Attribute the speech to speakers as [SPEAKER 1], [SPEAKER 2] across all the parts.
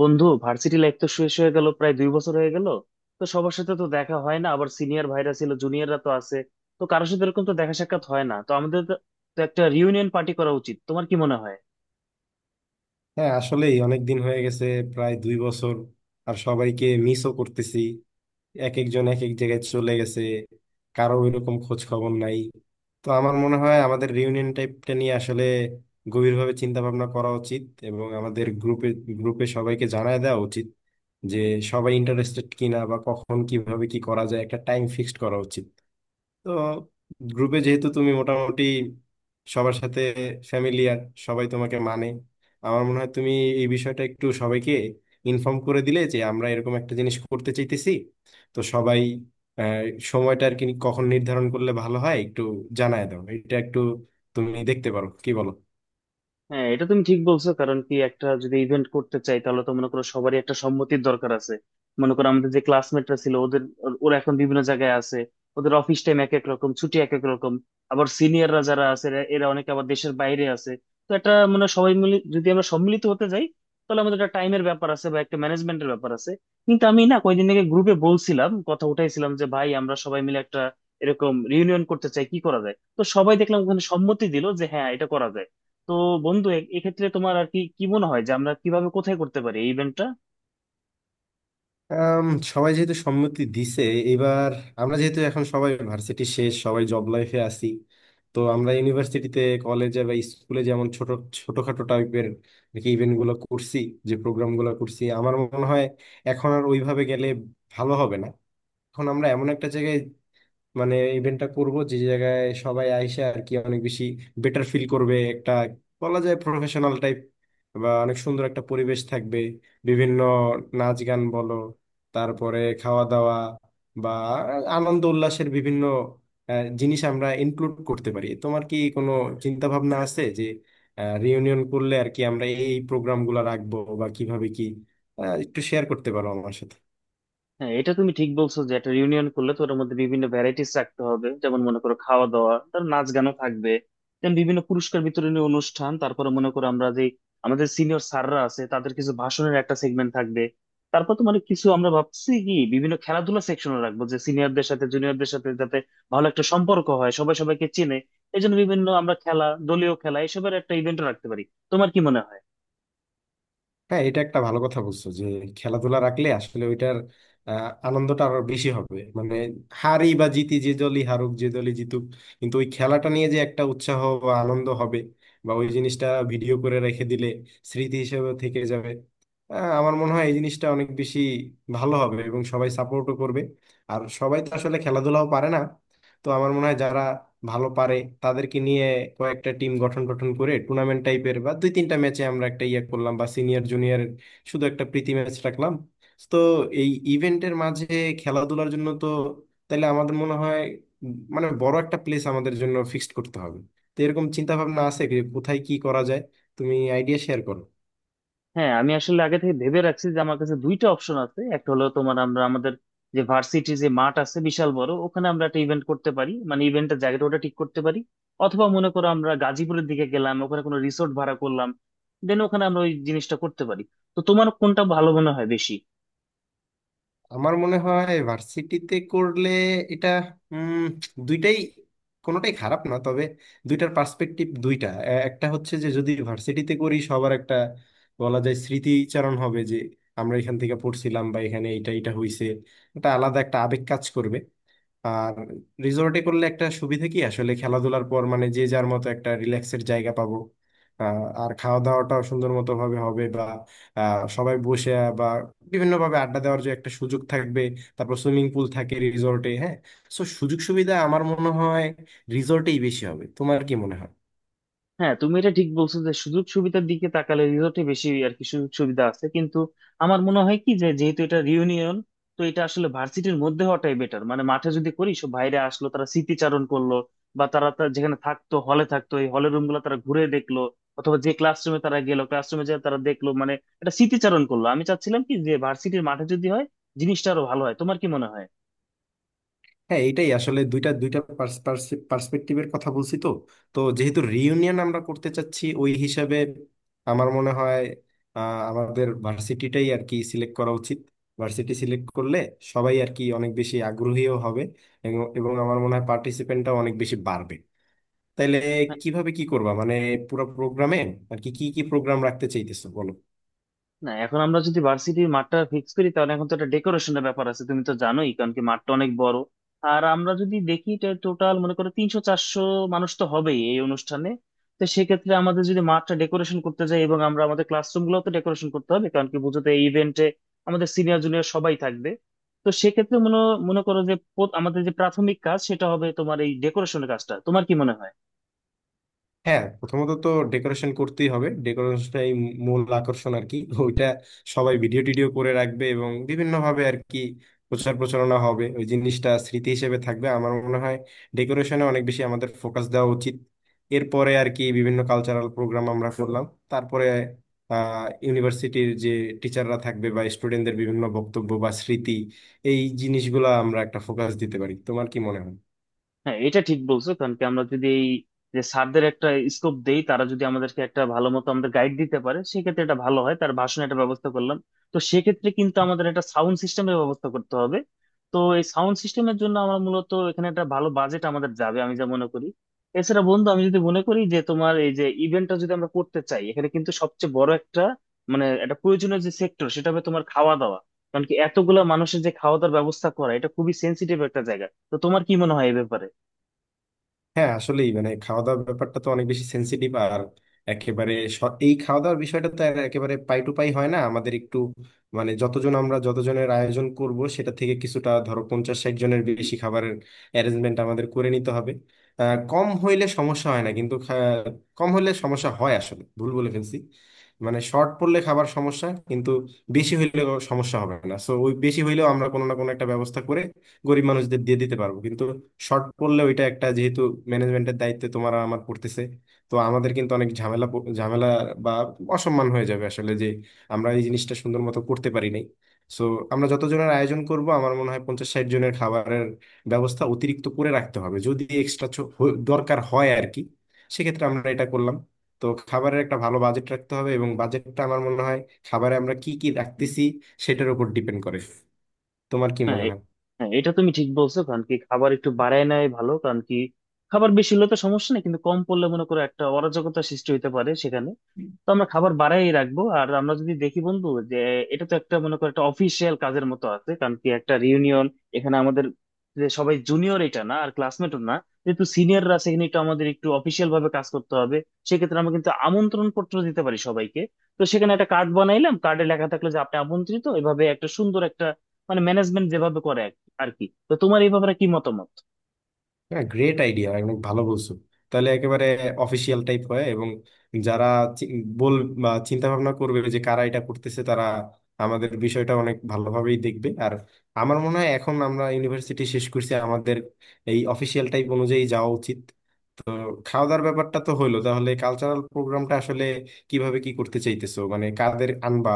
[SPEAKER 1] বন্ধু, varsity life তো শেষ হয়ে গেল, প্রায় 2 বছর হয়ে গেল। তো সবার সাথে তো দেখা হয় না, আবার সিনিয়র ভাইরা ছিল, জুনিয়ররা তো আছে। তো কারোর সাথে এরকম তো দেখা সাক্ষাৎ হয় না। তো আমাদের তো তো একটা রিউনিয়ন পার্টি করা উচিত, তোমার কি মনে হয়?
[SPEAKER 2] হ্যাঁ, আসলেই অনেক দিন হয়ে গেছে। প্রায় 2 বছর। আর সবাইকে মিসও করতেছি। এক একজন এক এক জায়গায় চলে গেছে, কারো এরকম খোঁজ খবর নাই। তো আমার মনে হয় আমাদের রিউনিয়ন টাইপটা নিয়ে আসলে গভীরভাবে চিন্তা ভাবনা করা উচিত। এবং আমাদের গ্রুপে গ্রুপে সবাইকে জানায় দেওয়া উচিত যে সবাই ইন্টারেস্টেড কিনা, বা কখন কিভাবে কি করা যায়, একটা টাইম ফিক্সড করা উচিত। তো গ্রুপে যেহেতু তুমি মোটামুটি সবার সাথে ফ্যামিলিয়ার, সবাই তোমাকে মানে আমার মনে হয় তুমি এই বিষয়টা একটু সবাইকে ইনফর্ম করে দিলে যে আমরা এরকম একটা জিনিস করতে চাইতেছি, তো সবাই আহ, সময়টা আর কি কখন নির্ধারণ করলে ভালো হয়, একটু জানায় দাও, এটা একটু তুমি দেখতে পারো। কি বলো?
[SPEAKER 1] হ্যাঁ, এটা তুমি ঠিক বলছো, কারণ কি একটা যদি ইভেন্ট করতে চাই তাহলে তো মনে করো সবারই একটা সম্মতির দরকার আছে। মনে করো আমাদের যে ক্লাসমেটরা ছিল, ওরা এখন বিভিন্ন জায়গায় আছে। ওদের অফিস টাইম এক এক রকম, ছুটি এক এক রকম। আবার সিনিয়ররা যারা আছে, এরা এরা অনেকে আবার দেশের বাইরে আছে। তো এটা মানে সবাই মিলে যদি আমরা সম্মিলিত হতে যাই, তাহলে আমাদের একটা টাইমের ব্যাপার আছে বা একটা ম্যানেজমেন্টের ব্যাপার আছে। কিন্তু আমি না কয়েকদিন আগে গ্রুপে বলছিলাম, কথা উঠাইছিলাম যে ভাই আমরা সবাই মিলে একটা এরকম রিউনিয়ন করতে চাই, কি করা যায়। তো সবাই দেখলাম ওখানে সম্মতি দিল যে হ্যাঁ এটা করা যায়। তো বন্ধু, এক্ষেত্রে তোমার আর কি কি মনে হয় যে আমরা কিভাবে কোথায় করতে পারি এই ইভেন্টটা?
[SPEAKER 2] আম, সবাই যেহেতু সম্মতি দিছে, এবার আমরা যেহেতু এখন সবাই ভার্সিটি শেষ, সবাই জব লাইফে আছি, তো আমরা ইউনিভার্সিটিতে কলেজে বা স্কুলে যেমন ছোট ছোটখাটো টাইপের ইভেন্ট গুলো করছি, যে প্রোগ্রাম গুলো করছি, আমার মনে হয় এখন আর ওইভাবে গেলে ভালো হবে না। এখন আমরা এমন একটা জায়গায় মানে ইভেন্টটা করব যে জায়গায় সবাই আইসে আর কি অনেক বেশি বেটার ফিল করবে, একটা বলা যায় প্রফেশনাল টাইপ বা অনেক সুন্দর একটা পরিবেশ থাকবে। বিভিন্ন নাচ গান বলো, তারপরে খাওয়া দাওয়া বা আনন্দ উল্লাসের বিভিন্ন জিনিস আমরা ইনক্লুড করতে পারি। তোমার কি কোনো চিন্তা ভাবনা আছে যে রিউনিয়ন করলে আর কি আমরা এই প্রোগ্রামগুলো রাখবো বা কিভাবে কি, একটু শেয়ার করতে পারো আমার সাথে?
[SPEAKER 1] হ্যাঁ, এটা তুমি ঠিক বলছো যে একটা রিউনিয়ন করলে তো ওটার মধ্যে বিভিন্ন ভ্যারাইটিস রাখতে হবে, যেমন মনে করো খাওয়া দাওয়া, তার নাচ গানও থাকবে, দেন বিভিন্ন পুরস্কার বিতরণী অনুষ্ঠান, তারপরে মনে করো আমরা যে আমাদের সিনিয়র স্যাররা আছে তাদের কিছু ভাষণের একটা সেগমেন্ট থাকবে। তারপর তো মানে কিছু আমরা ভাবছি কি বিভিন্ন খেলাধুলা সেকশনও রাখবো যে সিনিয়রদের সাথে জুনিয়রদের সাথে যাতে ভালো একটা সম্পর্ক হয়, সবাই সবাইকে চেনে। এই জন্য বিভিন্ন আমরা খেলা, দলীয় খেলা এসবের একটা ইভেন্টও রাখতে পারি। তোমার কি মনে হয়?
[SPEAKER 2] হ্যাঁ, এটা একটা ভালো কথা বলছো যে খেলাধুলা রাখলে আসলে ওইটার আনন্দটা আরো বেশি হবে। মানে হারি বা জিতি, যে দলই হারুক যে দলই জিতুক, কিন্তু ওই খেলাটা নিয়ে যে একটা উৎসাহ বা আনন্দ হবে, বা ওই জিনিসটা ভিডিও করে রেখে দিলে স্মৃতি হিসেবে থেকে যাবে। আমার মনে হয় এই জিনিসটা অনেক বেশি ভালো হবে এবং সবাই সাপোর্টও করবে। আর সবাই তো আসলে খেলাধুলাও পারে না, তো আমার মনে হয় যারা ভালো পারে তাদেরকে নিয়ে কয়েকটা টিম গঠন গঠন করে টুর্নামেন্ট টাইপের বা 2-3টা ম্যাচে আমরা একটা ইয়ে করলাম, বা সিনিয়র জুনিয়র শুধু একটা প্রীতি ম্যাচ রাখলাম। তো এই ইভেন্টের মাঝে খেলাধুলার জন্য তো তাহলে আমাদের মনে হয় মানে বড় একটা প্লেস আমাদের জন্য ফিক্সড করতে হবে। তো এরকম চিন্তা ভাবনা আছে কি? কোথায় কি করা যায় তুমি আইডিয়া শেয়ার করো।
[SPEAKER 1] হ্যাঁ, আমি আসলে আগে থেকে ভেবে রাখছি যে আমার কাছে দুইটা অপশন আছে। একটা হলো তোমার আমরা আমাদের যে ভার্সিটি যে মাঠ আছে বিশাল বড়, ওখানে আমরা একটা ইভেন্ট করতে পারি, মানে ইভেন্টের জায়গাটা ওটা ঠিক করতে পারি। অথবা মনে করো আমরা গাজীপুরের দিকে গেলাম, ওখানে কোনো রিসোর্ট ভাড়া করলাম, দেন ওখানে আমরা ওই জিনিসটা করতে পারি। তো তোমার কোনটা ভালো মনে হয় বেশি?
[SPEAKER 2] আমার মনে হয় ভার্সিটিতে করলে এটা উম দুইটাই কোনোটাই খারাপ না, তবে দুইটার পার্সপেক্টিভ দুইটা এ- একটা হচ্ছে যে যদি ভার্সিটিতে করি সবার একটা বলা যায় স্মৃতিচারণ হবে যে আমরা এখান থেকে পড়ছিলাম বা এখানে এটা এটা হইছে, এটা আলাদা একটা আবেগ কাজ করবে। আর রিসোর্টে করলে একটা সুবিধা কি, আসলে খেলাধুলার পর মানে যে যার মতো একটা রিল্যাক্সের জায়গা পাবো। আর খাওয়া দাওয়াটাও সুন্দর মতো ভাবে হবে, বা সবাই বসে বা বিভিন্ন ভাবে আড্ডা দেওয়ার যে একটা সুযোগ থাকবে, তারপর সুইমিং পুল থাকে রিসোর্টে। হ্যাঁ, সো সুযোগ সুবিধা আমার মনে হয় রিসোর্টেই বেশি হবে। তোমার কি মনে হয়?
[SPEAKER 1] হ্যাঁ, তুমি এটা ঠিক বলছো যে সুযোগ সুবিধার দিকে তাকালে রিসোর্টে বেশি আর কি সুযোগ সুবিধা আছে, কিন্তু আমার মনে হয় কি যে যেহেতু এটা রিউনিয়ন, তো এটা আসলে ভার্সিটির মধ্যে হওয়াটাই বেটার। মানে মাঠে যদি করি সব বাইরে আসলো, তারা স্মৃতিচারণ করলো, বা যেখানে থাকতো হলে থাকতো এই হলের রুম গুলো তারা ঘুরে দেখলো, অথবা যে ক্লাসরুমে তারা গেলো, ক্লাসরুমে যে তারা দেখলো মানে এটা স্মৃতিচারণ করলো। আমি চাচ্ছিলাম কি যে ভার্সিটির মাঠে যদি হয় জিনিসটা আরো ভালো হয়, তোমার কি মনে হয়?
[SPEAKER 2] হ্যাঁ, এটাই আসলে দুইটা দুইটা পার্সপেক্টিভের কথা বলছি তো। তো যেহেতু রিইউনিয়ন আমরা করতে চাচ্ছি ওই হিসাবে আমার মনে হয় আমাদের ভার্সিটিটাই আর কি সিলেক্ট করা উচিত। ভার্সিটি সিলেক্ট করলে সবাই আর কি অনেক বেশি আগ্রহীও হবে, এবং এবং আমার মনে হয় পার্টিসিপেন্টটাও অনেক বেশি বাড়বে। তাইলে কিভাবে কি করবা মানে পুরো প্রোগ্রামে আর কি কি কি প্রোগ্রাম রাখতে চাইতেছো বলো।
[SPEAKER 1] না, এখন আমরা যদি ভার্সিটির মাঠটা ফিক্স করি তাহলে এখন তো একটা ডেকোরেশনের ব্যাপার আছে, তুমি তো জানোই, কারণ কি মাঠটা অনেক বড়। আর আমরা যদি দেখি টোটাল মনে করো 300-400 মানুষ তো হবেই এই অনুষ্ঠানে। তো সেক্ষেত্রে আমাদের যদি মাঠটা ডেকোরেশন করতে যাই, এবং আমরা আমাদের ক্লাসরুম গুলো তো ডেকোরেশন করতে হবে, কারণ কি বুঝো তো এই ইভেন্টে আমাদের সিনিয়র জুনিয়র সবাই থাকবে। তো সেক্ষেত্রে মনে মনে করো যে আমাদের যে প্রাথমিক কাজ সেটা হবে তোমার এই ডেকোরেশনের কাজটা, তোমার কি মনে হয়?
[SPEAKER 2] হ্যাঁ, প্রথমত তো ডেকোরেশন করতেই হবে, ডেকোরেশনটাই মূল আকর্ষণ আর কি। ওইটা সবাই ভিডিও টিডিও করে রাখবে এবং বিভিন্ন ভাবে আর কি প্রচার প্রচারণা হবে, ওই জিনিসটা স্মৃতি হিসেবে থাকবে। আমার মনে হয় ডেকোরেশনে অনেক বেশি আমাদের ফোকাস দেওয়া উচিত। এরপরে আর কি বিভিন্ন কালচারাল প্রোগ্রাম আমরা করলাম, তারপরে আহ ইউনিভার্সিটির যে টিচাররা থাকবে বা স্টুডেন্টদের বিভিন্ন বক্তব্য বা স্মৃতি, এই জিনিসগুলো আমরা একটা ফোকাস দিতে পারি। তোমার কি মনে হয়?
[SPEAKER 1] হ্যাঁ, এটা ঠিক বলছো, কারণ কি আমরা যদি এই যে স্যারদের একটা স্কোপ দেই, তারা যদি আমাদেরকে একটা ভালো মতো আমাদের গাইড দিতে পারে সেক্ষেত্রে এটা ভালো হয়, তার ভাষণে একটা ব্যবস্থা করলাম। তো সেক্ষেত্রে কিন্তু আমাদের একটা সাউন্ড সিস্টেমের ব্যবস্থা করতে হবে। তো এই সাউন্ড সিস্টেমের জন্য আমরা মূলত এখানে একটা ভালো বাজেট আমাদের যাবে আমি যা মনে করি। এছাড়া বন্ধু, আমি যদি মনে করি যে তোমার এই যে ইভেন্টটা যদি আমরা করতে চাই, এখানে কিন্তু সবচেয়ে বড় একটা মানে একটা প্রয়োজনীয় যে সেক্টর সেটা হবে তোমার খাওয়া দাওয়া। কারণ কি এতগুলা মানুষের যে খাওয়া দাওয়ার ব্যবস্থা করা এটা খুবই সেন্সিটিভ একটা জায়গা। তো তোমার কি মনে হয় এই ব্যাপারে?
[SPEAKER 2] হ্যাঁ, আসলেই মানে খাওয়া দাওয়ার ব্যাপারটা তো অনেক বেশি সেন্সিটিভ। আর এই খাওয়া দাওয়ার বিষয়টা তো আর একেবারে পাই টু পাই হয় না, আমাদের একটু মানে যতজন আমরা যতজনের আয়োজন করব সেটা থেকে কিছুটা ধরো 50-60 জনের বেশি খাবারের অ্যারেঞ্জমেন্ট আমাদের করে নিতে হবে। কম হইলে সমস্যা হয় না, কম হলে সমস্যা হয়, আসলে ভুল বলে ফেলছি। মানে শর্ট পড়লে খাবার সমস্যা, কিন্তু বেশি হইলে সমস্যা হবে না। সো ওই বেশি হইলেও আমরা কোনো না কোনো একটা ব্যবস্থা করে গরিব মানুষদের দিয়ে দিতে পারবো, কিন্তু শর্ট পড়লে ওইটা একটা, যেহেতু ম্যানেজমেন্টের দায়িত্বে তোমার আর আমার পড়তেছে, তো আমাদের কিন্তু অনেক ঝামেলা বা অসম্মান হয়ে যাবে আসলে, যে আমরা এই জিনিসটা সুন্দর মতো করতে পারি নাই। সো আমরা যতজনের আয়োজন করব আমার মনে হয় 50-60 জনের খাবারের ব্যবস্থা অতিরিক্ত করে রাখতে হবে, যদি এক্সট্রা দরকার হয় আর কি, সেক্ষেত্রে আমরা এটা করলাম। তো খাবারের একটা ভালো বাজেট রাখতে হবে, এবং বাজেটটা আমার মনে হয় খাবারে আমরা কি কি রাখতেছি সেটার উপর ডিপেন্ড করে। তোমার কি
[SPEAKER 1] হ্যাঁ
[SPEAKER 2] মনে
[SPEAKER 1] এ-
[SPEAKER 2] হয়?
[SPEAKER 1] হ্যাঁ, এটা তুমি ঠিক বলছো, কারণ কি খাবার একটু বাড়ায় নেয় ভালো, কারণ কি খাবার বেশি হলে তো সমস্যা নেই কিন্তু কম পড়লে মনে করো একটা অরাজকতা সৃষ্টি হতে পারে সেখানে। তো আমরা খাবার বাড়াই রাখবো। আর আমরা যদি দেখি বন্ধু যে এটা তো একটা মনে করো একটা অফিসিয়াল কাজের মতো আছে, কারণ কি একটা রিউনিয়ন, এখানে আমাদের যে সবাই জুনিয়র এটা না, আর ক্লাসমেটও না, যেহেতু সিনিয়ররা আছে এখানে একটু আমাদের একটু অফিসিয়াল ভাবে কাজ করতে হবে। সেক্ষেত্রে আমরা কিন্তু আমন্ত্রণ পত্র দিতে পারি সবাইকে। তো সেখানে একটা কার্ড বানাইলাম, কার্ডে লেখা থাকলো যে আপনি আমন্ত্রিত, এভাবে একটা সুন্দর মানে ম্যানেজমেন্ট যেভাবে করে আর কি। তো তোমার এই ব্যাপারে কি মতামত?
[SPEAKER 2] হ্যাঁ, গ্রেট আইডিয়া, অনেক ভালো বলছো। তাহলে একেবারে অফিসিয়াল টাইপ হয়, এবং যারা চি- বল বা চিন্তা ভাবনা করবে যে কারা এটা করতেছে, তারা আমাদের বিষয়টা অনেক ভালোভাবেই দেখবে। আর আমার মনে হয় এখন আমরা ইউনিভার্সিটি শেষ করছি, আমাদের এই অফিসিয়াল টাইপ অনুযায়ী যাওয়া উচিত। খাওয়া দাওয়ার ব্যাপারটা তো হইলো, তাহলে কালচারাল প্রোগ্রামটা আসলে কিভাবে কি করতে চাইতেছো মানে কাদের আনবা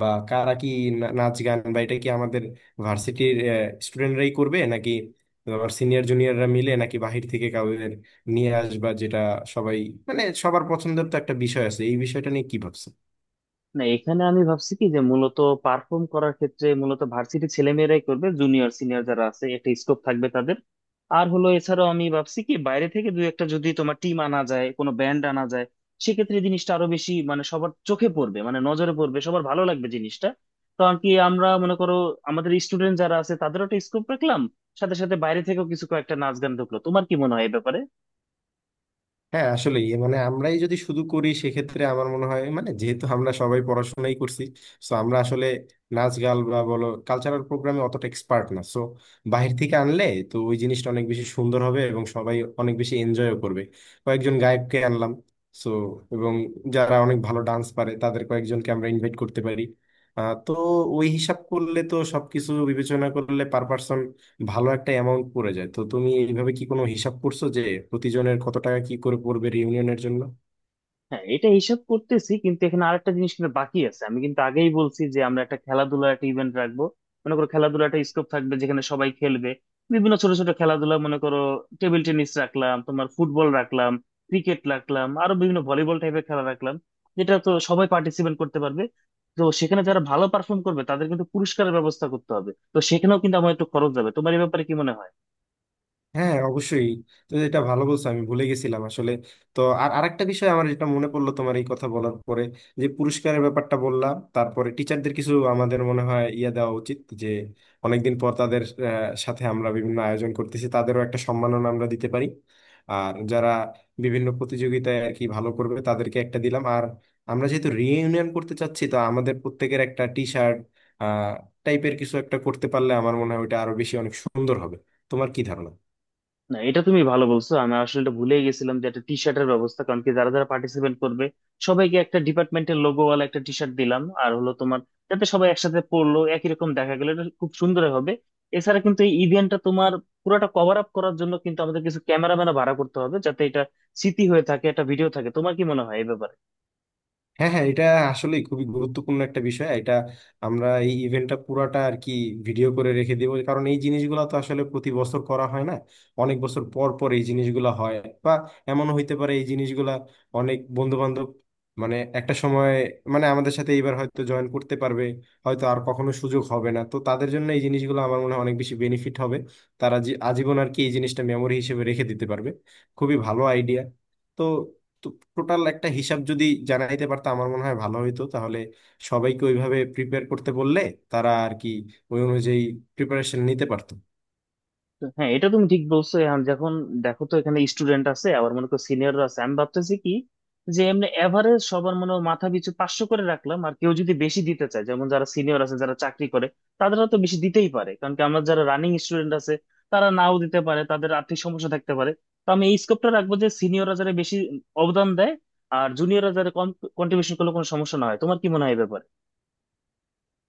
[SPEAKER 2] বা কারা কি, নাচ গান বা এটা কি আমাদের ভার্সিটির স্টুডেন্টরাই করবে, নাকি তোমার সিনিয়র জুনিয়ররা মিলে, নাকি বাহির থেকে কাউদের নিয়ে আসবা যেটা সবাই মানে সবার পছন্দের, তো একটা বিষয় আছে এই বিষয়টা নিয়ে কি ভাবছো?
[SPEAKER 1] না, এখানে আমি ভাবছি কি যে মূলত পারফর্ম করার ক্ষেত্রে মূলত ভার্সিটি ছেলেমেয়েরাই করবে, জুনিয়র সিনিয়র যারা আছে একটা স্কোপ থাকবে তাদের। আর হলো এছাড়াও আমি ভাবছি কি বাইরে থেকে দুই একটা যদি তোমার টিম আনা যায়, কোনো ব্যান্ড আনা যায়, সেক্ষেত্রে জিনিসটা আরো বেশি মানে সবার চোখে পড়বে, মানে নজরে পড়বে, সবার ভালো লাগবে জিনিসটা। কারণ কি আমরা মনে করো আমাদের স্টুডেন্ট যারা আছে তাদেরও একটা স্কোপ রাখলাম, সাথে সাথে বাইরে থেকেও কিছু কয়েকটা নাচ গান ঢুকলো, তোমার কি মনে হয় এই ব্যাপারে?
[SPEAKER 2] হ্যাঁ, আসলে মানে আমরাই যদি শুধু করি সেক্ষেত্রে আমার মনে হয় মানে যেহেতু আমরা সবাই পড়াশোনাই করছি তো আমরা আসলে নাচ গান বা বলো কালচারাল প্রোগ্রামে অতটা এক্সপার্ট না। সো বাইরে থেকে আনলে তো ওই জিনিসটা অনেক বেশি সুন্দর হবে এবং সবাই অনেক বেশি এনজয়ও করবে। কয়েকজন গায়ককে আনলাম সো, এবং যারা অনেক ভালো ডান্স পারে তাদের কয়েকজনকে আমরা ইনভাইট করতে পারি। তো ওই হিসাব করলে তো সবকিছু বিবেচনা করলে ভালো একটা অ্যামাউন্ট পড়ে যায়। তো তুমি এইভাবে কি কোনো হিসাব করছো যে প্রতিজনের কত টাকা কি করে পড়বে রিউনিয়নের জন্য?
[SPEAKER 1] হ্যাঁ, এটা হিসাব করতেছি, কিন্তু এখানে আরেকটা জিনিস কিন্তু বাকি আছে, আমি কিন্তু আগেই বলছি যে আমরা একটা খেলাধুলার একটা ইভেন্ট রাখবো। মনে করো খেলাধুলার একটা স্কোপ থাকবে যেখানে সবাই খেলবে বিভিন্ন ছোট ছোট খেলাধুলা, মনে করো টেবিল টেনিস রাখলাম তোমার, ফুটবল রাখলাম, ক্রিকেট রাখলাম, আরো বিভিন্ন ভলিবল টাইপের খেলা রাখলাম, যেটা তো সবাই পার্টিসিপেট করতে পারবে। তো সেখানে যারা ভালো পারফর্ম করবে তাদের কিন্তু পুরস্কারের ব্যবস্থা করতে হবে, তো সেখানেও কিন্তু আমার একটু খরচ যাবে, তোমার এই ব্যাপারে কি মনে হয়?
[SPEAKER 2] হ্যাঁ, অবশ্যই। তো এটা ভালো বলছো, আমি ভুলে গেছিলাম আসলে। তো আর আরেকটা বিষয় আমার যেটা মনে পড়লো তোমার এই কথা বলার পরে, যে পুরস্কারের ব্যাপারটা বললাম, তারপরে টিচারদের কিছু আমাদের মনে হয় ইয়ে দেওয়া উচিত যে অনেকদিন পর তাদের সাথে আমরা বিভিন্ন আয়োজন করতেছি, তাদেরও একটা সম্মাননা আমরা দিতে পারি। আর যারা বিভিন্ন প্রতিযোগিতায় আর কি ভালো করবে তাদেরকে একটা দিলাম। আর আমরা যেহেতু রিইউনিয়ন করতে চাচ্ছি তো আমাদের প্রত্যেকের একটা টি শার্ট টাইপের কিছু একটা করতে পারলে আমার মনে হয় ওইটা আরো বেশি অনেক সুন্দর হবে। তোমার কি ধারণা?
[SPEAKER 1] না, এটা তুমি ভালো বলছো, আমি আসলে এটা ভুলেই গেছিলাম যে একটা টি শার্টের ব্যবস্থা, কারণ কি যারা যারা পার্টিসিপেট করবে সবাইকে একটা ডিপার্টমেন্টের লোগোওয়ালা একটা টি শার্ট দিলাম আর হলো তোমার, যাতে সবাই একসাথে পরলো, একই রকম দেখা গেলো, এটা খুব সুন্দর হবে। এছাড়া কিন্তু এই ইভেন্টটা তোমার পুরোটা কভার আপ করার জন্য কিন্তু আমাদের কিছু ক্যামেরাম্যানও ভাড়া করতে হবে, যাতে এটা স্মৃতি হয়ে থাকে, একটা ভিডিও থাকে, তোমার কি মনে হয় এই ব্যাপারে?
[SPEAKER 2] হ্যাঁ হ্যাঁ, এটা আসলে খুবই গুরুত্বপূর্ণ একটা বিষয়। এটা আমরা এই ইভেন্টটা পুরাটা আর কি ভিডিও করে রেখে দেবো, কারণ এই জিনিসগুলো তো আসলে প্রতি বছর করা হয় না, অনেক বছর পর পর এই জিনিসগুলো হয়। বা এমন হইতে পারে এই জিনিসগুলা অনেক বন্ধু বান্ধব মানে একটা সময় মানে আমাদের সাথে এইবার হয়তো জয়েন করতে পারবে, হয়তো আর কখনো সুযোগ হবে না, তো তাদের জন্য এই জিনিসগুলো আমার মনে হয় অনেক বেশি বেনিফিট হবে। তারা আজীবন আর কি এই জিনিসটা মেমোরি হিসেবে রেখে দিতে পারবে। খুবই ভালো আইডিয়া। তো তো টোটাল একটা হিসাব যদি জানাইতে পারতাম আমার মনে হয় ভালো হইতো, তাহলে সবাইকে ওইভাবে প্রিপেয়ার করতে বললে তারা আর কি ওই অনুযায়ী প্রিপারেশন নিতে পারতো।
[SPEAKER 1] তো হ্যাঁ, এটা তুমি ঠিক বলছো, এখন যখন দেখো তো এখানে স্টুডেন্ট আছে, আবার মনে করো সিনিয়ররা আছে। আমি ভাবতেছি কি যে এমনি এভারেজ সবার মনে হয় মাথা পিছু 500 করে রাখলাম, আর কেউ যদি বেশি দিতে চায় যেমন যারা সিনিয়র আছে যারা চাকরি করে, তাদেরও তো বেশি দিতেই পারে, কারণ কি আমরা যারা রানিং স্টুডেন্ট আছে, তারা নাও দিতে পারে, তাদের আর্থিক সমস্যা থাকতে পারে। তো আমি এই স্কোপটা রাখবো যে সিনিয়ররা যারা বেশি অবদান দেয় আর জুনিয়ররা যারা কম কন্ট্রিবিউশন করলে কোনো সমস্যা না হয়, তোমার কি মনে হয় এ ব্যাপারে?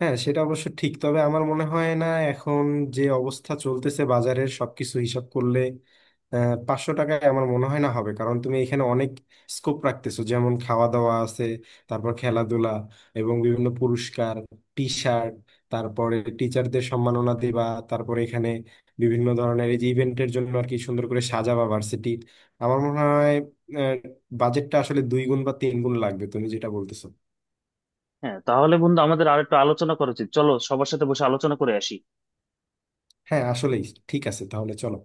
[SPEAKER 2] হ্যাঁ, সেটা অবশ্য ঠিক, তবে আমার মনে হয় না এখন যে অবস্থা চলতেছে বাজারের সবকিছু হিসাব করলে 500 টাকায় আমার মনে হয় না হবে। কারণ তুমি এখানে অনেক স্কোপ রাখতেছো, যেমন খাওয়া দাওয়া আছে, তারপর খেলাধুলা, এবং বিভিন্ন পুরস্কার, টি শার্ট, তারপরে টিচারদের সম্মাননা দেবা, তারপরে এখানে বিভিন্ন ধরনের এই যে ইভেন্টের জন্য আর কি সুন্দর করে সাজাবা ভার্সিটির, আমার মনে হয় আহ, বাজেটটা আসলে 2 গুণ বা 3 গুণ লাগবে তুমি যেটা বলতেছো।
[SPEAKER 1] হ্যাঁ, তাহলে বন্ধু আমাদের আর একটু আলোচনা করা উচিত, চলো সবার সাথে বসে আলোচনা করে আসি।
[SPEAKER 2] হ্যাঁ, আসলেই। ঠিক আছে, তাহলে চলো।